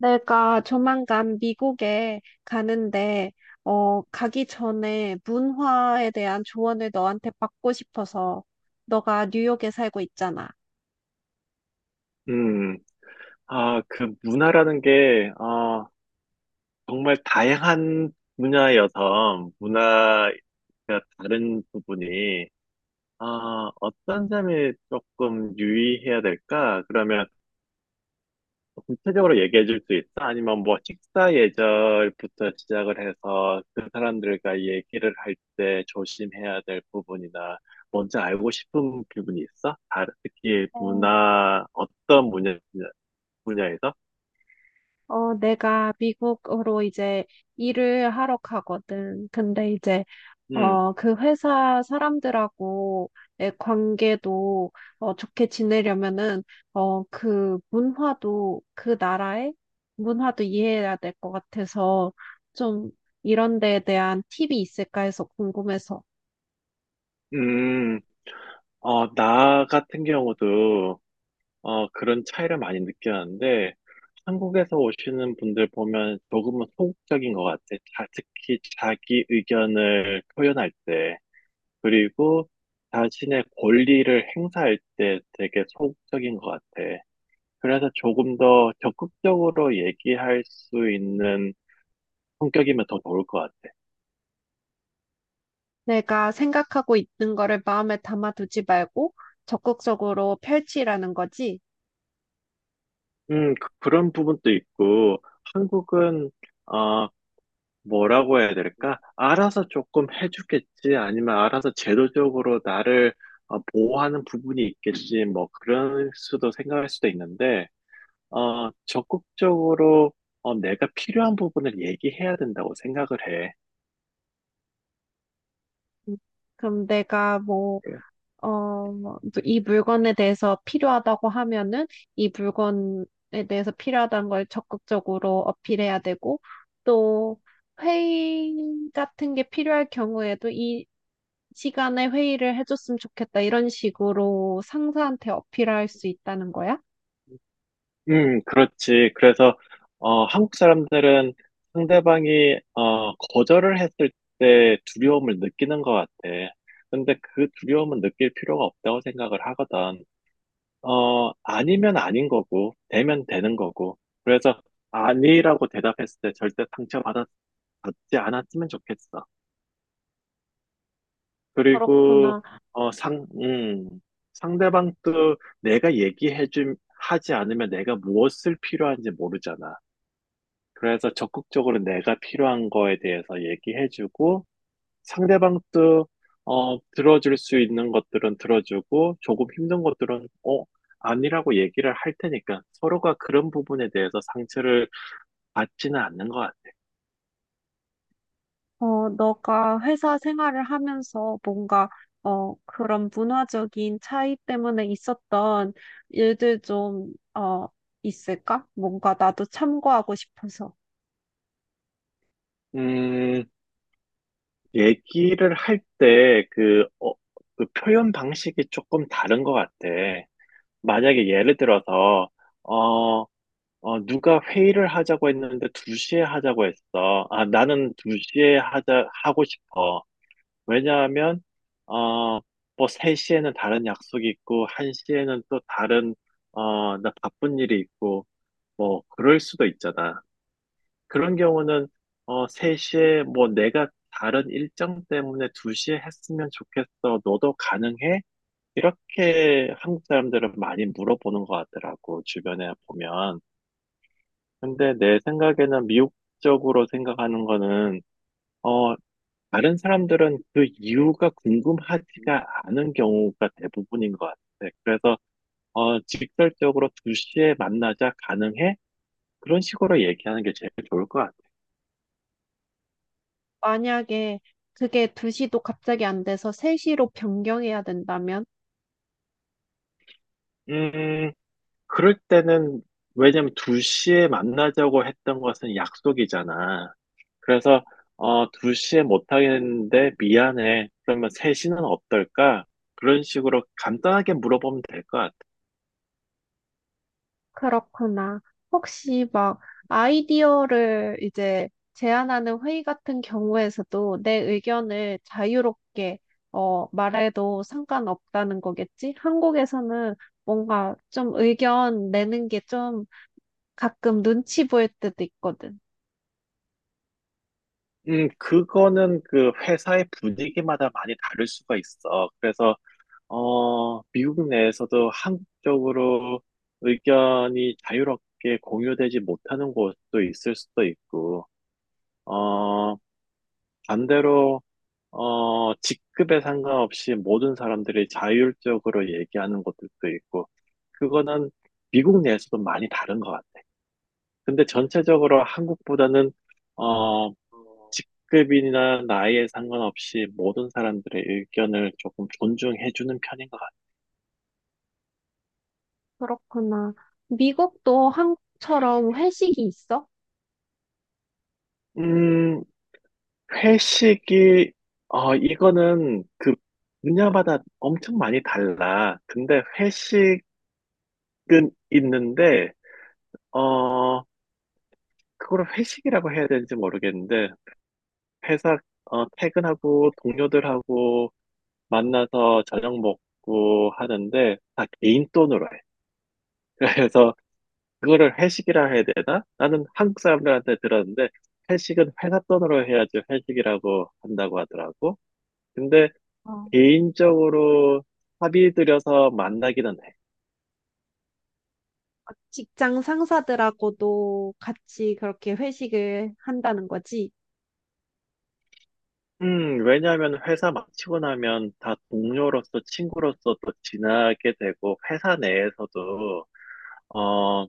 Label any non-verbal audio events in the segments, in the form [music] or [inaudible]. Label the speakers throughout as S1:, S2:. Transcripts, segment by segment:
S1: 내가 조만간 미국에 가는데, 가기 전에 문화에 대한 조언을 너한테 받고 싶어서, 너가 뉴욕에 살고 있잖아.
S2: 음, 아, 그 문화라는 게, 아, 정말 다양한 분야여서, 문화가 다른 부분이, 아, 어떤 점이 조금 유의해야 될까? 그러면 구체적으로 얘기해 줄 수 있어? 아니면 뭐 식사 예절부터 시작을 해서 그 사람들과 얘기를 할 때 조심해야 될 부분이나, 먼저 알고 싶은 부분이 있어? 특히
S1: 어,
S2: 문화, 어떤 분야, 분야에서?
S1: 내가 미국으로 이제 일을 하러 가거든. 근데 이제
S2: 음.
S1: 그 회사 사람들하고의 관계도 좋게 지내려면은 그 문화도 그 나라의 문화도 이해해야 될 것 같아서 좀 이런 데에 대한 팁이 있을까 해서 궁금해서
S2: 음, 나 같은 경우도, 그런 차이를 많이 느꼈는데, 한국에서 오시는 분들 보면 조금은 소극적인 것 같아. 자, 특히 자기 의견을 표현할 때, 그리고 자신의 권리를 행사할 때 되게 소극적인 것 같아. 그래서 조금 더 적극적으로 얘기할 수 있는 성격이면 더 좋을 것 같아.
S1: 내가 생각하고 있는 거를 마음에 담아두지 말고 적극적으로 펼치라는 거지.
S2: 그런 부분도 있고, 한국은 뭐라고 해야 될까? 알아서 조금 해주겠지, 아니면 알아서 제도적으로 나를 보호하는 부분이 있겠지, 뭐, 그럴 수도 생각할 수도 있는데, 적극적으로 내가 필요한 부분을 얘기해야 된다고 생각을 해.
S1: 음, 그럼 내가 뭐,
S2: 그-
S1: 뭐 이 물건에 대해서 필요하다고 하면은 이 물건에 대해서 필요하다는 걸 적극적으로 어필해야 되고 또 회의 같은 게 필요할 경우에도 이 시간에 회의를 해줬으면 좋겠다. 이런 식으로 상사한테 어필할 수 있다는 거야?
S2: 그렇지. 그래서, 한국 사람들은 상대방이, 거절을 했을 때 두려움을 느끼는 것 같아. 근데 그 두려움은 느낄 필요가 없다고 생각을 하거든. 아니면 아닌 거고, 되면 되는 거고. 그래서, 아니라고 대답했을 때 절대 받지 않았으면 좋겠어. 그리고,
S1: 그렇구나.
S2: 어, 상, 음, 상대방도 내가 하지 않으면 내가 무엇을 필요한지 모르잖아. 그래서 적극적으로 내가 필요한 거에 대해서 얘기해주고, 상대방도, 들어줄 수 있는 것들은 들어주고, 조금 힘든 것들은, 아니라고 얘기를 할 테니까, 서로가 그런 부분에 대해서 상처를 받지는 않는 것 같아.
S1: 너가 회사 생활을 하면서 뭔가, 그런 문화적인 차이 때문에 있었던 일들 좀, 있을까? 뭔가 나도 참고하고 싶어서.
S2: 음, 얘기를 할 때, 그 표현 방식이 조금 다른 것 같아. 만약에 예를 들어서, 어, 누가 회의를 하자고 했는데 2시에 하자고 했어. 아, 나는 2시에 하고 싶어. 왜냐하면, 어, 뭐 3시에는 다른 약속이 있고, 1시에는 또 다른, 나 바쁜 일이 있고, 뭐, 그럴 수도 있잖아. 그런 경우는, 3시에 뭐 내가 다른 일정 때문에 2시에 했으면 좋겠어. 너도 가능해? 이렇게 한국 사람들은 많이 물어보는 것 같더라고, 주변에 보면. 근데 내 생각에는 미국적으로 생각하는 거는, 어, 다른 사람들은 그 이유가 궁금하지가 않은 경우가 대부분인 것 같아. 그래서, 직설적으로 2시에 만나자 가능해? 그런 식으로 얘기하는 게 제일 좋을 것 같아.
S1: 만약에 그게 2시도 갑자기 안 돼서 3시로 변경해야 된다면.
S2: 음, 그럴 때는, 왜냐면 2시에 만나자고 했던 것은 약속이잖아. 그래서 2시에 못 하겠는데 미안해. 그러면 3시는 어떨까? 그런 식으로 간단하게 물어보면 될 것 같아.
S1: 그렇구나. 혹시 막 아이디어를 이제 제안하는 회의 같은 경우에서도 내 의견을 자유롭게 말해도 상관없다는 거겠지? 한국에서는 뭔가 좀 의견 내는 게 좀 가끔 눈치 보일 때도 있거든.
S2: 그거는 그 회사의 분위기마다 많이 다를 수가 있어. 그래서 미국 내에서도 한국적으로 의견이 자유롭게 공유되지 못하는 곳도 있을 수도 있고, 어, 반대로 직급에 상관없이 모든 사람들이 자율적으로 얘기하는 것들도 있고, 그거는 미국 내에서도 많이 다른 것 같아. 근데 전체적으로 한국보다는 어, 직급이나 나이에 상관없이 모든 사람들의 의견을 조금 존중해주는 편인 것 같아.
S1: 그렇구나. 미국도 한국처럼 회식이 있어?
S2: 음, 회식이 이거는 그 분야마다 엄청 많이 달라. 근데 회식은 있는데 어, 그걸 회식이라고 해야 되는지 모르겠는데 회사 퇴근하고 동료들하고 만나서 저녁 먹고 하는데 다 개인 돈으로 해. [laughs] 그래서 그거를 회식이라 해야 되나? 나는 한국 사람들한테 들었는데 회식은 회사 돈으로 해야지 회식이라고 한다고 하더라고. 근데
S1: 어,
S2: 개인적으로 합의 들여서 만나기는 해.
S1: 직장 상사들하고도 같이 그렇게 회식을 한다는 거지?
S2: 왜냐하면 회사 마치고 나면 다 동료로서 친구로서 또 지나게 되고 회사 내에서도 어,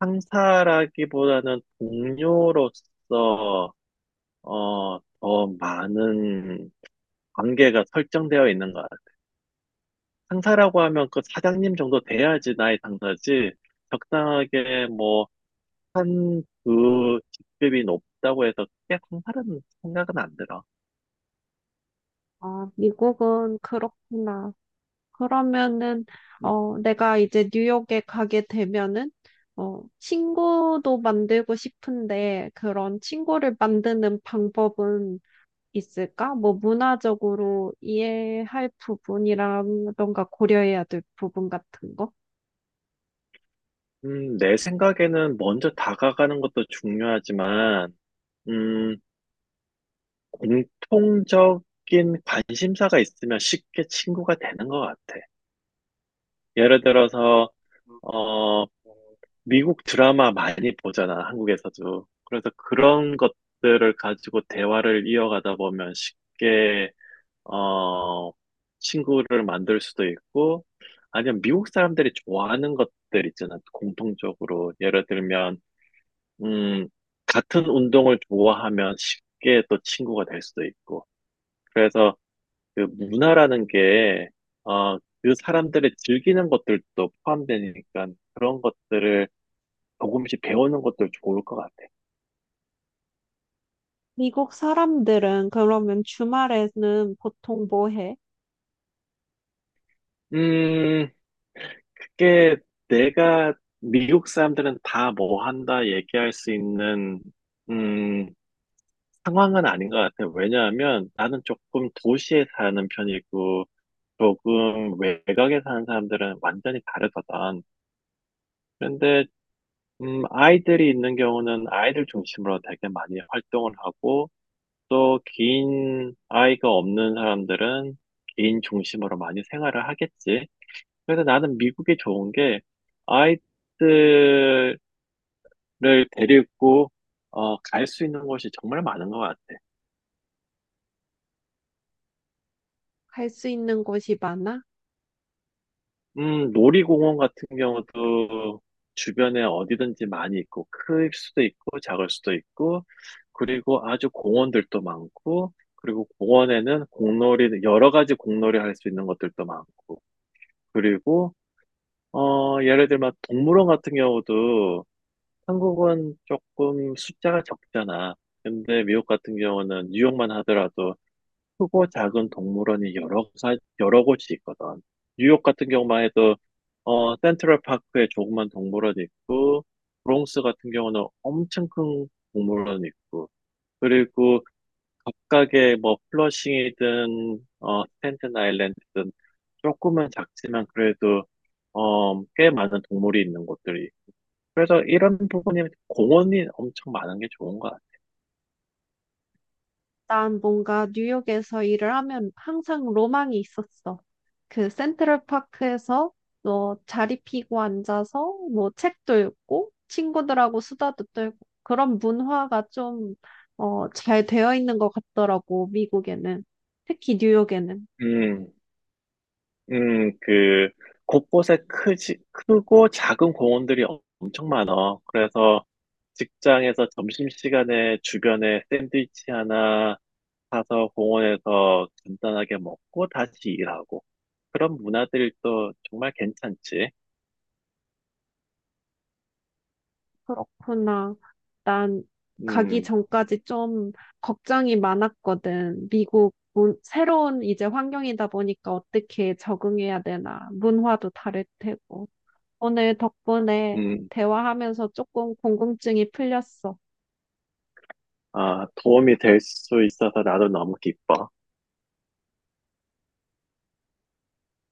S2: 상사라기보다는 동료로서 더 많은 관계가 설정되어 있는 것 같아요. 상사라고 하면 그 사장님 정도 돼야지 나의 상사지, 적당하게 뭐, 한, 그 직급이 높다고 해서 크게 상사라는 생각은 안 들어.
S1: 아, 미국은 그렇구나. 그러면은,
S2: 음,
S1: 내가 이제 뉴욕에 가게 되면은, 친구도 만들고 싶은데, 그런 친구를 만드는 방법은 있을까? 뭐, 문화적으로 이해할 부분이라던가 고려해야 될 부분 같은 거?
S2: 내 생각에는 먼저 다가가는 것도 중요하지만, 음, 공통적인 관심사가 있으면 쉽게 친구가 되는 것 같아. 예를 들어서, 어, 미국 드라마 많이 보잖아, 한국에서도. 그래서 그런 것들을 가지고 대화를 이어가다 보면 쉽게, 어, 친구를 만들 수도 있고, 아니면 미국 사람들이 좋아하는 것들 있잖아, 공통적으로. 예를 들면, 음, 같은 운동을 좋아하면 쉽게 또 친구가 될 수도 있고. 그래서 그 문화라는 게, 그 사람들이 즐기는 것들도 포함되니까 그런 것들을 조금씩 배우는 것도 좋을 것 같아.
S1: 미국 사람들은 그러면 주말에는 보통 뭐 해?
S2: 음, 그게 내가 미국 사람들은 다 뭐 한다 얘기할 수 있는, 음, 상황은 아닌 것 같아. 왜냐하면 나는 조금 도시에 사는 편이고, 조금 외곽에 사는 사람들은 완전히 다르거든. 그런데, 아이들이 있는 경우는 아이들 중심으로 되게 많이 활동을 하고, 또 긴 아이가 없는 사람들은 개인 중심으로 많이 생활을 하겠지. 그래서 나는 미국이 좋은 게 아이들을 데리고 갈 수 있는 곳이 정말 많은 것 같아.
S1: 갈 수 있는 곳이 많아?
S2: 놀이공원 같은 경우도 주변에 어디든지 많이 있고 클 수도 있고 작을 수도 있고 그리고 아주 공원들도 많고 그리고 공원에는 공놀이 여러 가지 공놀이 할 수 있는 것들도 많고 그리고 예를 들면 동물원 같은 경우도 한국은 조금 숫자가 적잖아. 근데 미국 같은 경우는 뉴욕만 하더라도 크고 작은 동물원이 여러 곳이 있거든. 뉴욕 같은 경우만 해도 센트럴 파크에 조그만 동물원이 있고 브롱스 같은 경우는 엄청 큰 동물원이 있고 그리고 각각의 뭐 플러싱이든 스탠튼 아일랜드든 조금은 작지만 그래도 꽤 많은 동물이 있는 곳들이 그래서 이런 부분이 공원이 엄청 많은 게 좋은 것 같아요.
S1: 난 뭔가 뉴욕에서 일을 하면 항상 로망이 있었어. 그 센트럴파크에서 뭐 자리 피고 앉아서 뭐 책도 읽고 친구들하고 수다도 떨고 그런 문화가 좀, 잘 되어 있는 것 같더라고, 미국에는. 특히 뉴욕에는.
S2: 음, 음, 그, 곳곳에 크고 작은 공원들이 엄청 많아. 그래서 직장에서 점심시간에 주변에 샌드위치 하나 사서 공원에서 간단하게 먹고 다시 일하고. 그런 문화들이 또 정말 괜찮지.
S1: 그렇구나. 난 가기
S2: 음,
S1: 전까지 좀 걱정이 많았거든. 미국 문- 새로운 이제 환경이다 보니까 어떻게 적응해야 되나. 문화도 다를 테고. 오늘 덕분에
S2: 음,
S1: 대화하면서 조금 궁금증이 풀렸어.
S2: 아, 도움이 될 수 있어서 나도 너무 기뻐.